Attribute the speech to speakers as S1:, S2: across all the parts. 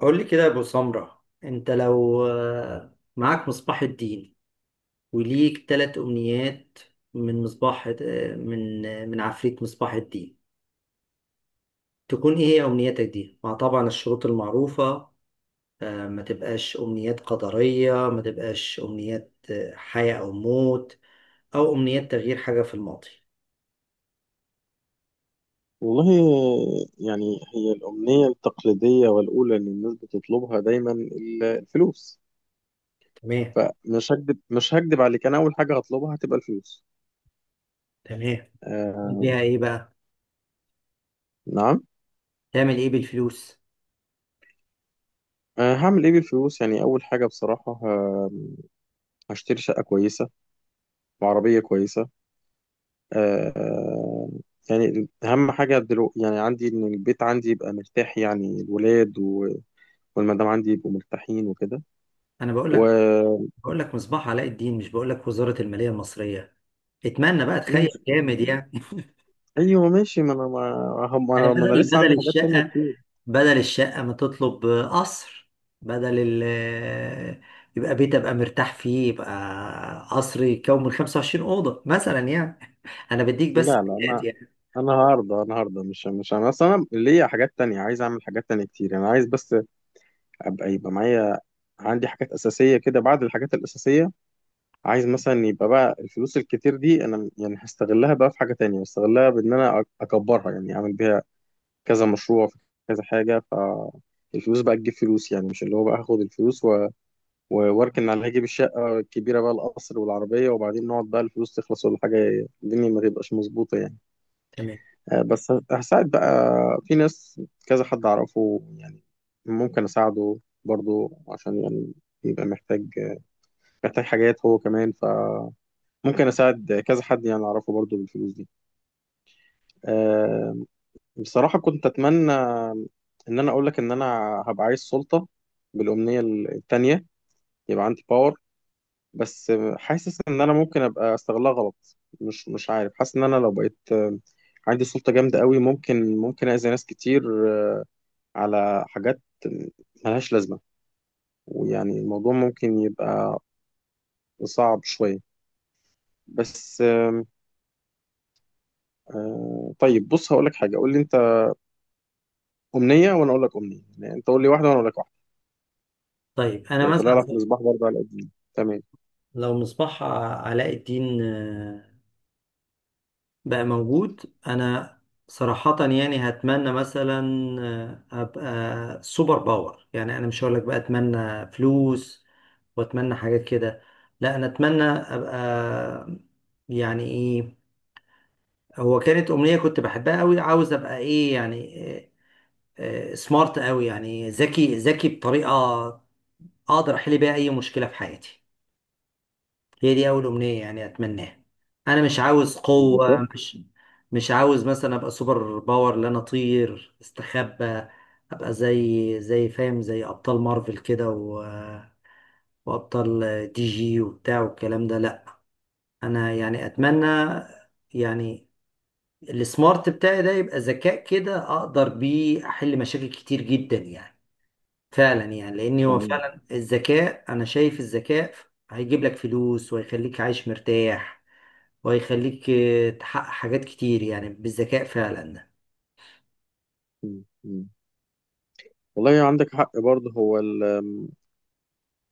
S1: قول لي كده يا ابو سمرة، انت لو معاك مصباح الدين وليك ثلاث امنيات من مصباح، آه، من آه، من عفريت مصباح الدين، تكون ايه هي امنياتك دي؟ مع طبعا الشروط المعروفة، ما تبقاش امنيات قدرية، ما تبقاش امنيات حياة او موت، او امنيات تغيير حاجة في الماضي.
S2: والله، يعني هي الأمنية التقليدية والأولى اللي الناس بتطلبها دايما الفلوس.
S1: تمام.
S2: فمش هكدب مش هكدب عليك، أنا أول حاجة هطلبها هتبقى الفلوس.
S1: تمام.
S2: آه.
S1: ليها ايه بقى؟
S2: نعم.
S1: تعمل ايه بالفلوس؟
S2: آه، هعمل إيه بالفلوس؟ يعني أول حاجة بصراحة هشتري شقة كويسة وعربية كويسة. آه. يعني أهم حاجة دلوقتي يعني عندي إن البيت عندي يبقى مرتاح، يعني الولاد والمدام عندي يبقوا مرتاحين وكده
S1: انا بقول
S2: و
S1: لك بقول لك مصباح علاء الدين، مش بقول لك وزارة المالية المصرية. اتمنى بقى، تخيل جامد يعني.
S2: ايوه، ماشي. ما انا ما هم ما
S1: يعني
S2: انا ما انا
S1: بدل
S2: لسه
S1: بدل
S2: عندي حاجات تانية
S1: الشقة،
S2: كتير.
S1: بدل الشقة ما تطلب قصر، بدل ال يبقى بيت ابقى مرتاح فيه، يبقى قصر يكون من 25 أوضة مثلا يعني. انا بديك بس
S2: لا
S1: بدايات
S2: انا،
S1: يعني.
S2: انا هرضى. مش انا اصلا، انا ليا حاجات تانية، عايز اعمل حاجات تانية كتير. انا عايز بس ابقى يبقى معايا عندي حاجات اساسية كده. بعد الحاجات الاساسية، عايز مثلا يبقى بقى الفلوس الكتير دي انا يعني هستغلها بقى في حاجة تانية، هستغلها بان انا اكبرها، يعني اعمل بيها كذا مشروع في كذا حاجة، فالفلوس بقى تجيب فلوس، يعني مش اللي هو بقى هاخد الفلوس واركن على هجيب الشقة الكبيرة بقى القصر والعربية، وبعدين نقعد بقى الفلوس تخلص ولا حاجة، الدنيا ما تبقاش مظبوطة يعني.
S1: تمام.
S2: بس هساعد بقى في ناس، كذا حد أعرفه يعني ممكن أساعده برضو عشان يعني يبقى محتاج، محتاج حاجات هو كمان، فممكن أساعد كذا حد يعني أعرفه برضو بالفلوس دي. آه، بصراحة كنت أتمنى إن أنا أقول لك إن أنا هبقى عايز سلطة بالأمنية التانية، يبقى عندي باور. بس حاسس ان انا ممكن ابقى استغلها غلط، مش عارف، حاسس ان انا لو بقيت عندي سلطة جامدة قوي، ممكن اذي ناس كتير، آه، على حاجات ملهاش لازمة، ويعني الموضوع ممكن يبقى صعب شوية. بس آم، طيب بص، هقول لك حاجة، قول لي انت أمنية وانا اقول لك أمنية، يعني انت قول لي واحدة وانا اقول لك واحدة.
S1: طيب انا
S2: لو طلع لك
S1: مثلا
S2: مصباح برضه على قديم، تمام.
S1: لو مصباح علاء الدين بقى موجود، انا صراحة يعني هتمنى مثلا ابقى سوبر باور. يعني انا مش هقولك بقى اتمنى فلوس واتمنى حاجات كده، لا انا اتمنى ابقى، يعني ايه، هو كانت امنية كنت بحبها قوي، عاوز ابقى ايه يعني سمارت قوي، يعني ذكي بطريقة اقدر احل بيها اي مشكلة في حياتي. هي دي اول امنيه يعني اتمناها. انا مش عاوز قوه،
S2: الذكاء.
S1: مش مش عاوز مثلا ابقى سوبر باور لا انا اطير استخبى، ابقى زي فاهم، زي ابطال مارفل كده و... وابطال دي جي وبتاع والكلام ده، لا. انا يعني اتمنى يعني السمارت بتاعي ده يبقى ذكاء كده اقدر بيه احل مشاكل كتير جدا يعني، فعلا يعني. لان هو
S2: تمام.
S1: فعلا الذكاء، انا شايف الذكاء هيجيب لك فلوس وهيخليك عايش مرتاح، وهيخليك تحقق حاجات كتير يعني، بالذكاء فعلا.
S2: مم. مم. والله عندك حق برضه، هو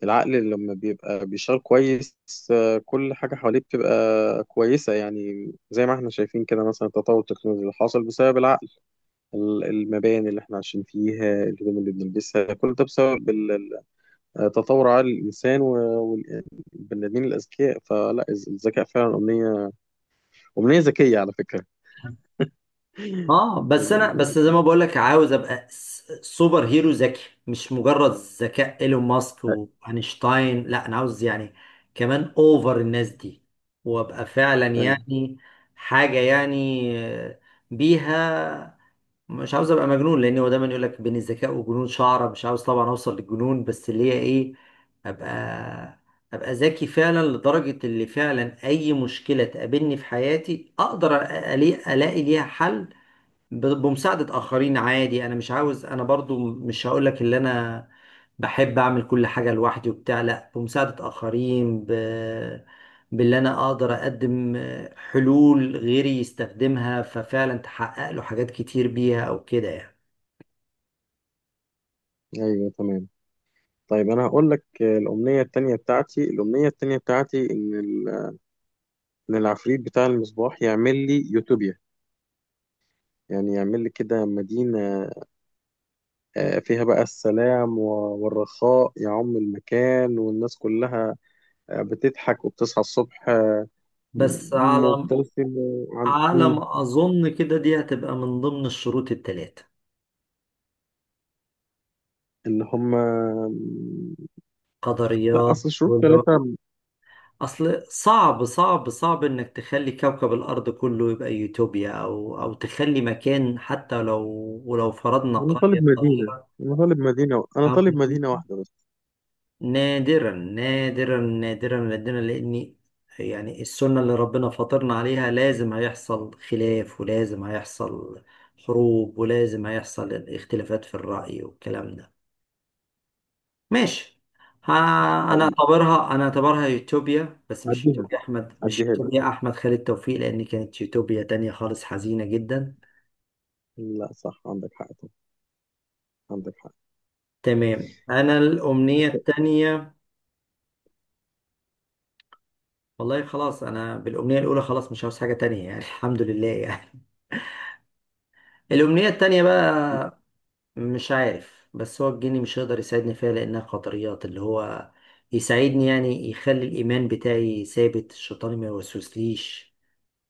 S2: العقل لما بيبقى بيشتغل كويس، كل حاجة حواليه بتبقى كويسة، يعني زي ما احنا شايفين كده مثلا التطور التكنولوجي اللي حصل بسبب العقل، المباني اللي احنا عايشين فيها، الهدوم اللي بنلبسها، كل ده بسبب تطور عقل الإنسان والبني آدمين الأذكياء. الذكاء فعلا أمنية، أمنية ذكية على فكرة. يعني
S1: اه بس انا
S2: أمنية
S1: بس زي ما
S2: ذكية.
S1: بقول لك، عاوز ابقى سوبر هيرو ذكي، مش مجرد ذكاء ايلون ماسك واينشتاين، لا انا عاوز يعني كمان اوفر الناس دي، وابقى فعلا
S2: أيوه،
S1: يعني حاجة يعني بيها. مش عاوز ابقى مجنون، لان هو دايما يقول لك بين الذكاء والجنون شعره، مش عاوز طبعا اوصل للجنون، بس اللي هي ايه، ابقى ابقى ذكي فعلا لدرجه اللي فعلا اي مشكله تقابلني في حياتي اقدر الاقي ليها حل، بمساعدة آخرين عادي. أنا مش عاوز، أنا برضو مش هقولك اللي أنا بحب أعمل كل حاجة لوحدي وبتاع، لأ بمساعدة آخرين، ب... باللي أنا أقدر أقدم حلول غيري يستخدمها ففعلا تحقق له حاجات كتير بيها أو كده يعني.
S2: أيوه، تمام. طيب أنا هقول لك، الأمنية التانية بتاعتي، الأمنية التانية بتاعتي إن ال ان العفريت بتاع المصباح يعمل لي يوتوبيا، يعني يعمل لي كده مدينة، فيها بقى السلام والرخاء يعم المكان، والناس كلها بتضحك، وبتصحى الصبح
S1: بس على
S2: مبتسم وعن...
S1: على
S2: مم.
S1: ما أظن كده دي هتبقى من ضمن الشروط التلاتة،
S2: اللي هم لا،
S1: قدريات.
S2: أصل شروط ثلاثة.
S1: اصل صعب صعب انك تخلي كوكب الارض كله يبقى يوتوبيا، او او تخلي مكان حتى لو ولو فرضنا
S2: أنا طالب
S1: قرية
S2: مدينة،
S1: صغيرة،
S2: أنا طالب مدينة أنا
S1: أو
S2: طالب مدينة واحدة بس.
S1: نادرا نادرا نادرا نادرا. لان يعني السنة اللي ربنا فطرنا عليها لازم هيحصل خلاف، ولازم هيحصل حروب، ولازم هيحصل اختلافات في الرأي والكلام ده. ماشي. ها، انا
S2: حقيقي.
S1: اعتبرها انا اعتبرها يوتوبيا، بس مش
S2: عديها،
S1: يوتوبيا احمد، مش
S2: عديها لي.
S1: يوتوبيا احمد خالد توفيق، لان كانت يوتوبيا تانية خالص حزينة جدا.
S2: لا صح، عندك حق طبعا. عندك
S1: تمام. انا الامنية
S2: حق.
S1: التانية، والله خلاص انا بالامنية الاولى خلاص مش عاوز حاجة تانية يعني. الحمد لله يعني. الامنية التانية بقى، مش عارف، بس هو الجني مش هيقدر يساعدني فيها لانها قدريات، اللي هو يساعدني يعني يخلي الايمان بتاعي ثابت، الشيطان ما يوسوسليش،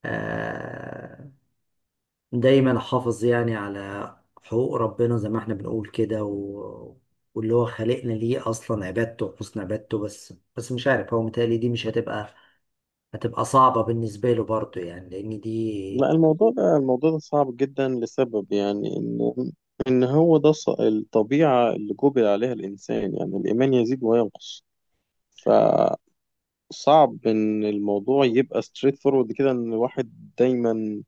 S1: آه، دايما حافظ يعني على حقوق ربنا زي ما احنا بنقول كده و... واللي هو خلقنا ليه اصلا عبادته وحسن عبادته. بس مش عارف هو متهيألي دي مش هتبقى، هتبقى صعبة بالنسبة له برضه يعني، لان
S2: لا،
S1: دي.
S2: الموضوع ده صعب جدا لسبب، يعني ان الطبيعة اللي جبل عليها الانسان، يعني الايمان يزيد وينقص، فصعب ان الموضوع يبقى ستريت فورورد كده، ان الواحد دايما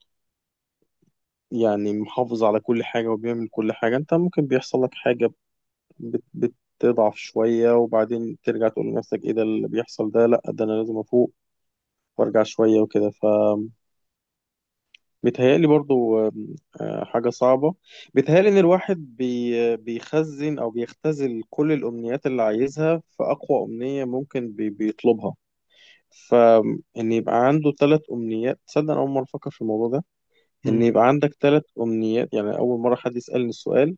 S2: يعني محافظ على كل حاجة وبيعمل كل حاجة. انت ممكن بيحصل لك حاجة، بت تضعف شوية، وبعدين ترجع تقول لنفسك ايه ده اللي بيحصل ده، لا ده انا لازم افوق وارجع شوية وكده. بيتهيألي برضو حاجة صعبة. بيتهيألي إن الواحد بيخزن أو بيختزل كل الأمنيات اللي عايزها في أقوى أمنية ممكن بيطلبها. فإن يبقى عنده ثلاث أمنيات، تصدق أنا أول مرة أفكر في الموضوع ده؟ إن
S1: مم.
S2: يبقى عندك ثلاث أمنيات، يعني أول مرة حد يسألني السؤال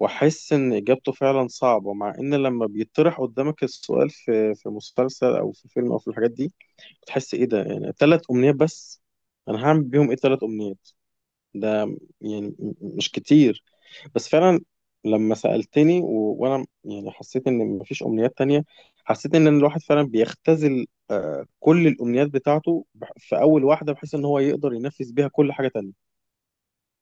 S2: وأحس إن إجابته فعلا صعبة، مع إن لما بيطرح قدامك السؤال في مسلسل أو في فيلم أو في الحاجات دي، بتحس إيه ده، يعني ثلاث أمنيات بس، أنا هعمل بيهم إيه؟ ثلاث أمنيات ده يعني مش كتير. بس فعلا لما سألتني وانا يعني حسيت ان مفيش امنيات تانية، حسيت ان الواحد فعلا بيختزل كل الامنيات بتاعته في اول واحدة، بحيث ان هو يقدر ينفذ بيها كل حاجة تانية.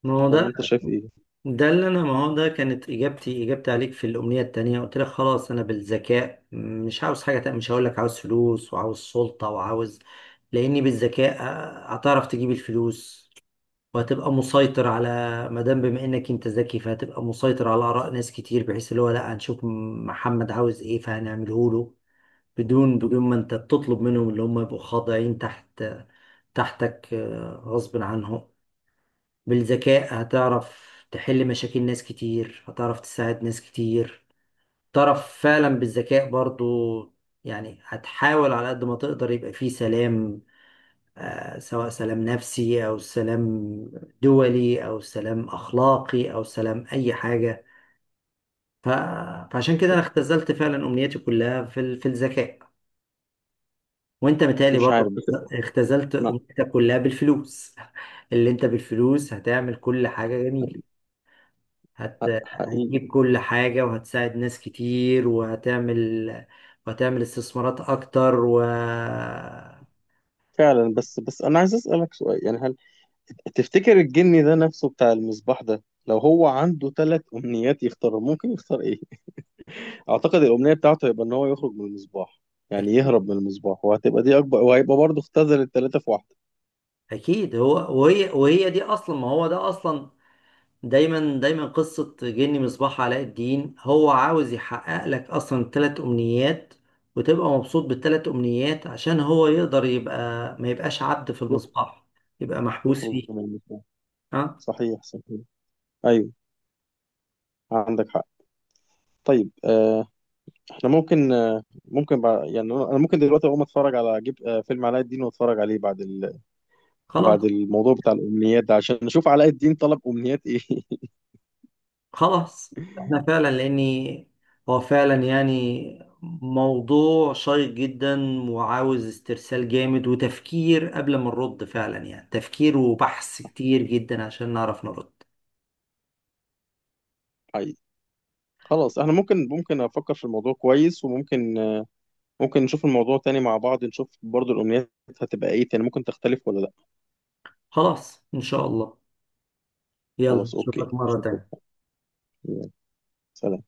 S1: ما هو
S2: ولا
S1: ده،
S2: انت شايف ايه؟
S1: ده اللي انا، ما هو ده كانت اجابتي، اجابتي عليك في الامنية التانية قلت لك خلاص انا بالذكاء مش عاوز حاجة تانية، مش هقول لك عاوز فلوس وعاوز سلطة وعاوز، لاني بالذكاء هتعرف تجيب الفلوس، وهتبقى مسيطر على، ما دام بما انك انت ذكي فهتبقى مسيطر على اراء ناس كتير، بحيث اللي هو لا هنشوف محمد عاوز ايه فهنعمله له، بدون ما انت بتطلب منهم اللي هم يبقوا خاضعين تحت تحتك غصب عنهم. بالذكاء هتعرف تحل مشاكل ناس كتير، هتعرف تساعد ناس كتير، تعرف فعلا بالذكاء برضو يعني هتحاول على قد ما تقدر يبقى فيه سلام، سواء سلام نفسي أو سلام دولي أو سلام أخلاقي أو سلام أي حاجة. ف... فعشان كده أنا اختزلت فعلا أمنياتي كلها في ال... في الذكاء. وأنت متهيألي
S2: مش عارف
S1: برضه
S2: بس.
S1: اختزلت
S2: ما
S1: أمنيتك كلها بالفلوس. اللي أنت بالفلوس هتعمل كل حاجة جميلة، هت...
S2: ح-
S1: هتجيب
S2: حقيقي.
S1: كل حاجة وهتساعد ناس كتير وهتعمل، وهتعمل استثمارات أكتر و...
S2: فعلا، بس انا عايز اسألك سؤال، يعني هل تفتكر الجني ده نفسه بتاع المصباح ده، لو هو عنده ثلاث امنيات يختار، ممكن يختار ايه؟ اعتقد الامنيه بتاعته هيبقى ان هو يخرج من المصباح، يعني يهرب من المصباح، وهتبقى دي اكبر، وهيبقى برضه اختزل الثلاثه في واحده.
S1: أكيد هو، وهي وهي دي أصلا، ما هو ده أصلا دايما دايما قصة جني مصباح علاء الدين هو عاوز يحقق لك أصلا التلات أمنيات وتبقى مبسوط بالتلات أمنيات عشان هو يقدر يبقى، ما يبقاش عبد في
S2: يخ-
S1: المصباح، يبقى محبوس
S2: يخرج
S1: فيه.
S2: من المصباح.
S1: ها.
S2: صحيح، صحيح. ايوه، عندك حق. طيب آه، احنا ممكن آه ممكن يعني أنا ممكن دلوقتي اقوم اتفرج على جيب آه فيلم علاء الدين، واتفرج عليه بعد
S1: خلاص.
S2: بعد الموضوع بتاع الامنيات ده، عشان نشوف علاء الدين طلب امنيات ايه.
S1: خلاص احنا فعلا، لأني هو فعلا يعني موضوع شيق جدا وعاوز استرسال جامد وتفكير قبل ما نرد فعلا يعني، تفكير وبحث كتير جدا عشان نعرف نرد.
S2: حقيقي. خلاص، احنا ممكن، افكر في الموضوع كويس، وممكن ممكن نشوف الموضوع تاني مع بعض، نشوف برضه الامنيات هتبقى ايه تاني، ممكن تختلف ولا لا.
S1: خلاص إن شاء الله. يلا
S2: خلاص، اوكي.
S1: اشوفك مرة
S2: اشوفك.
S1: تانية.
S2: يلا، سلام.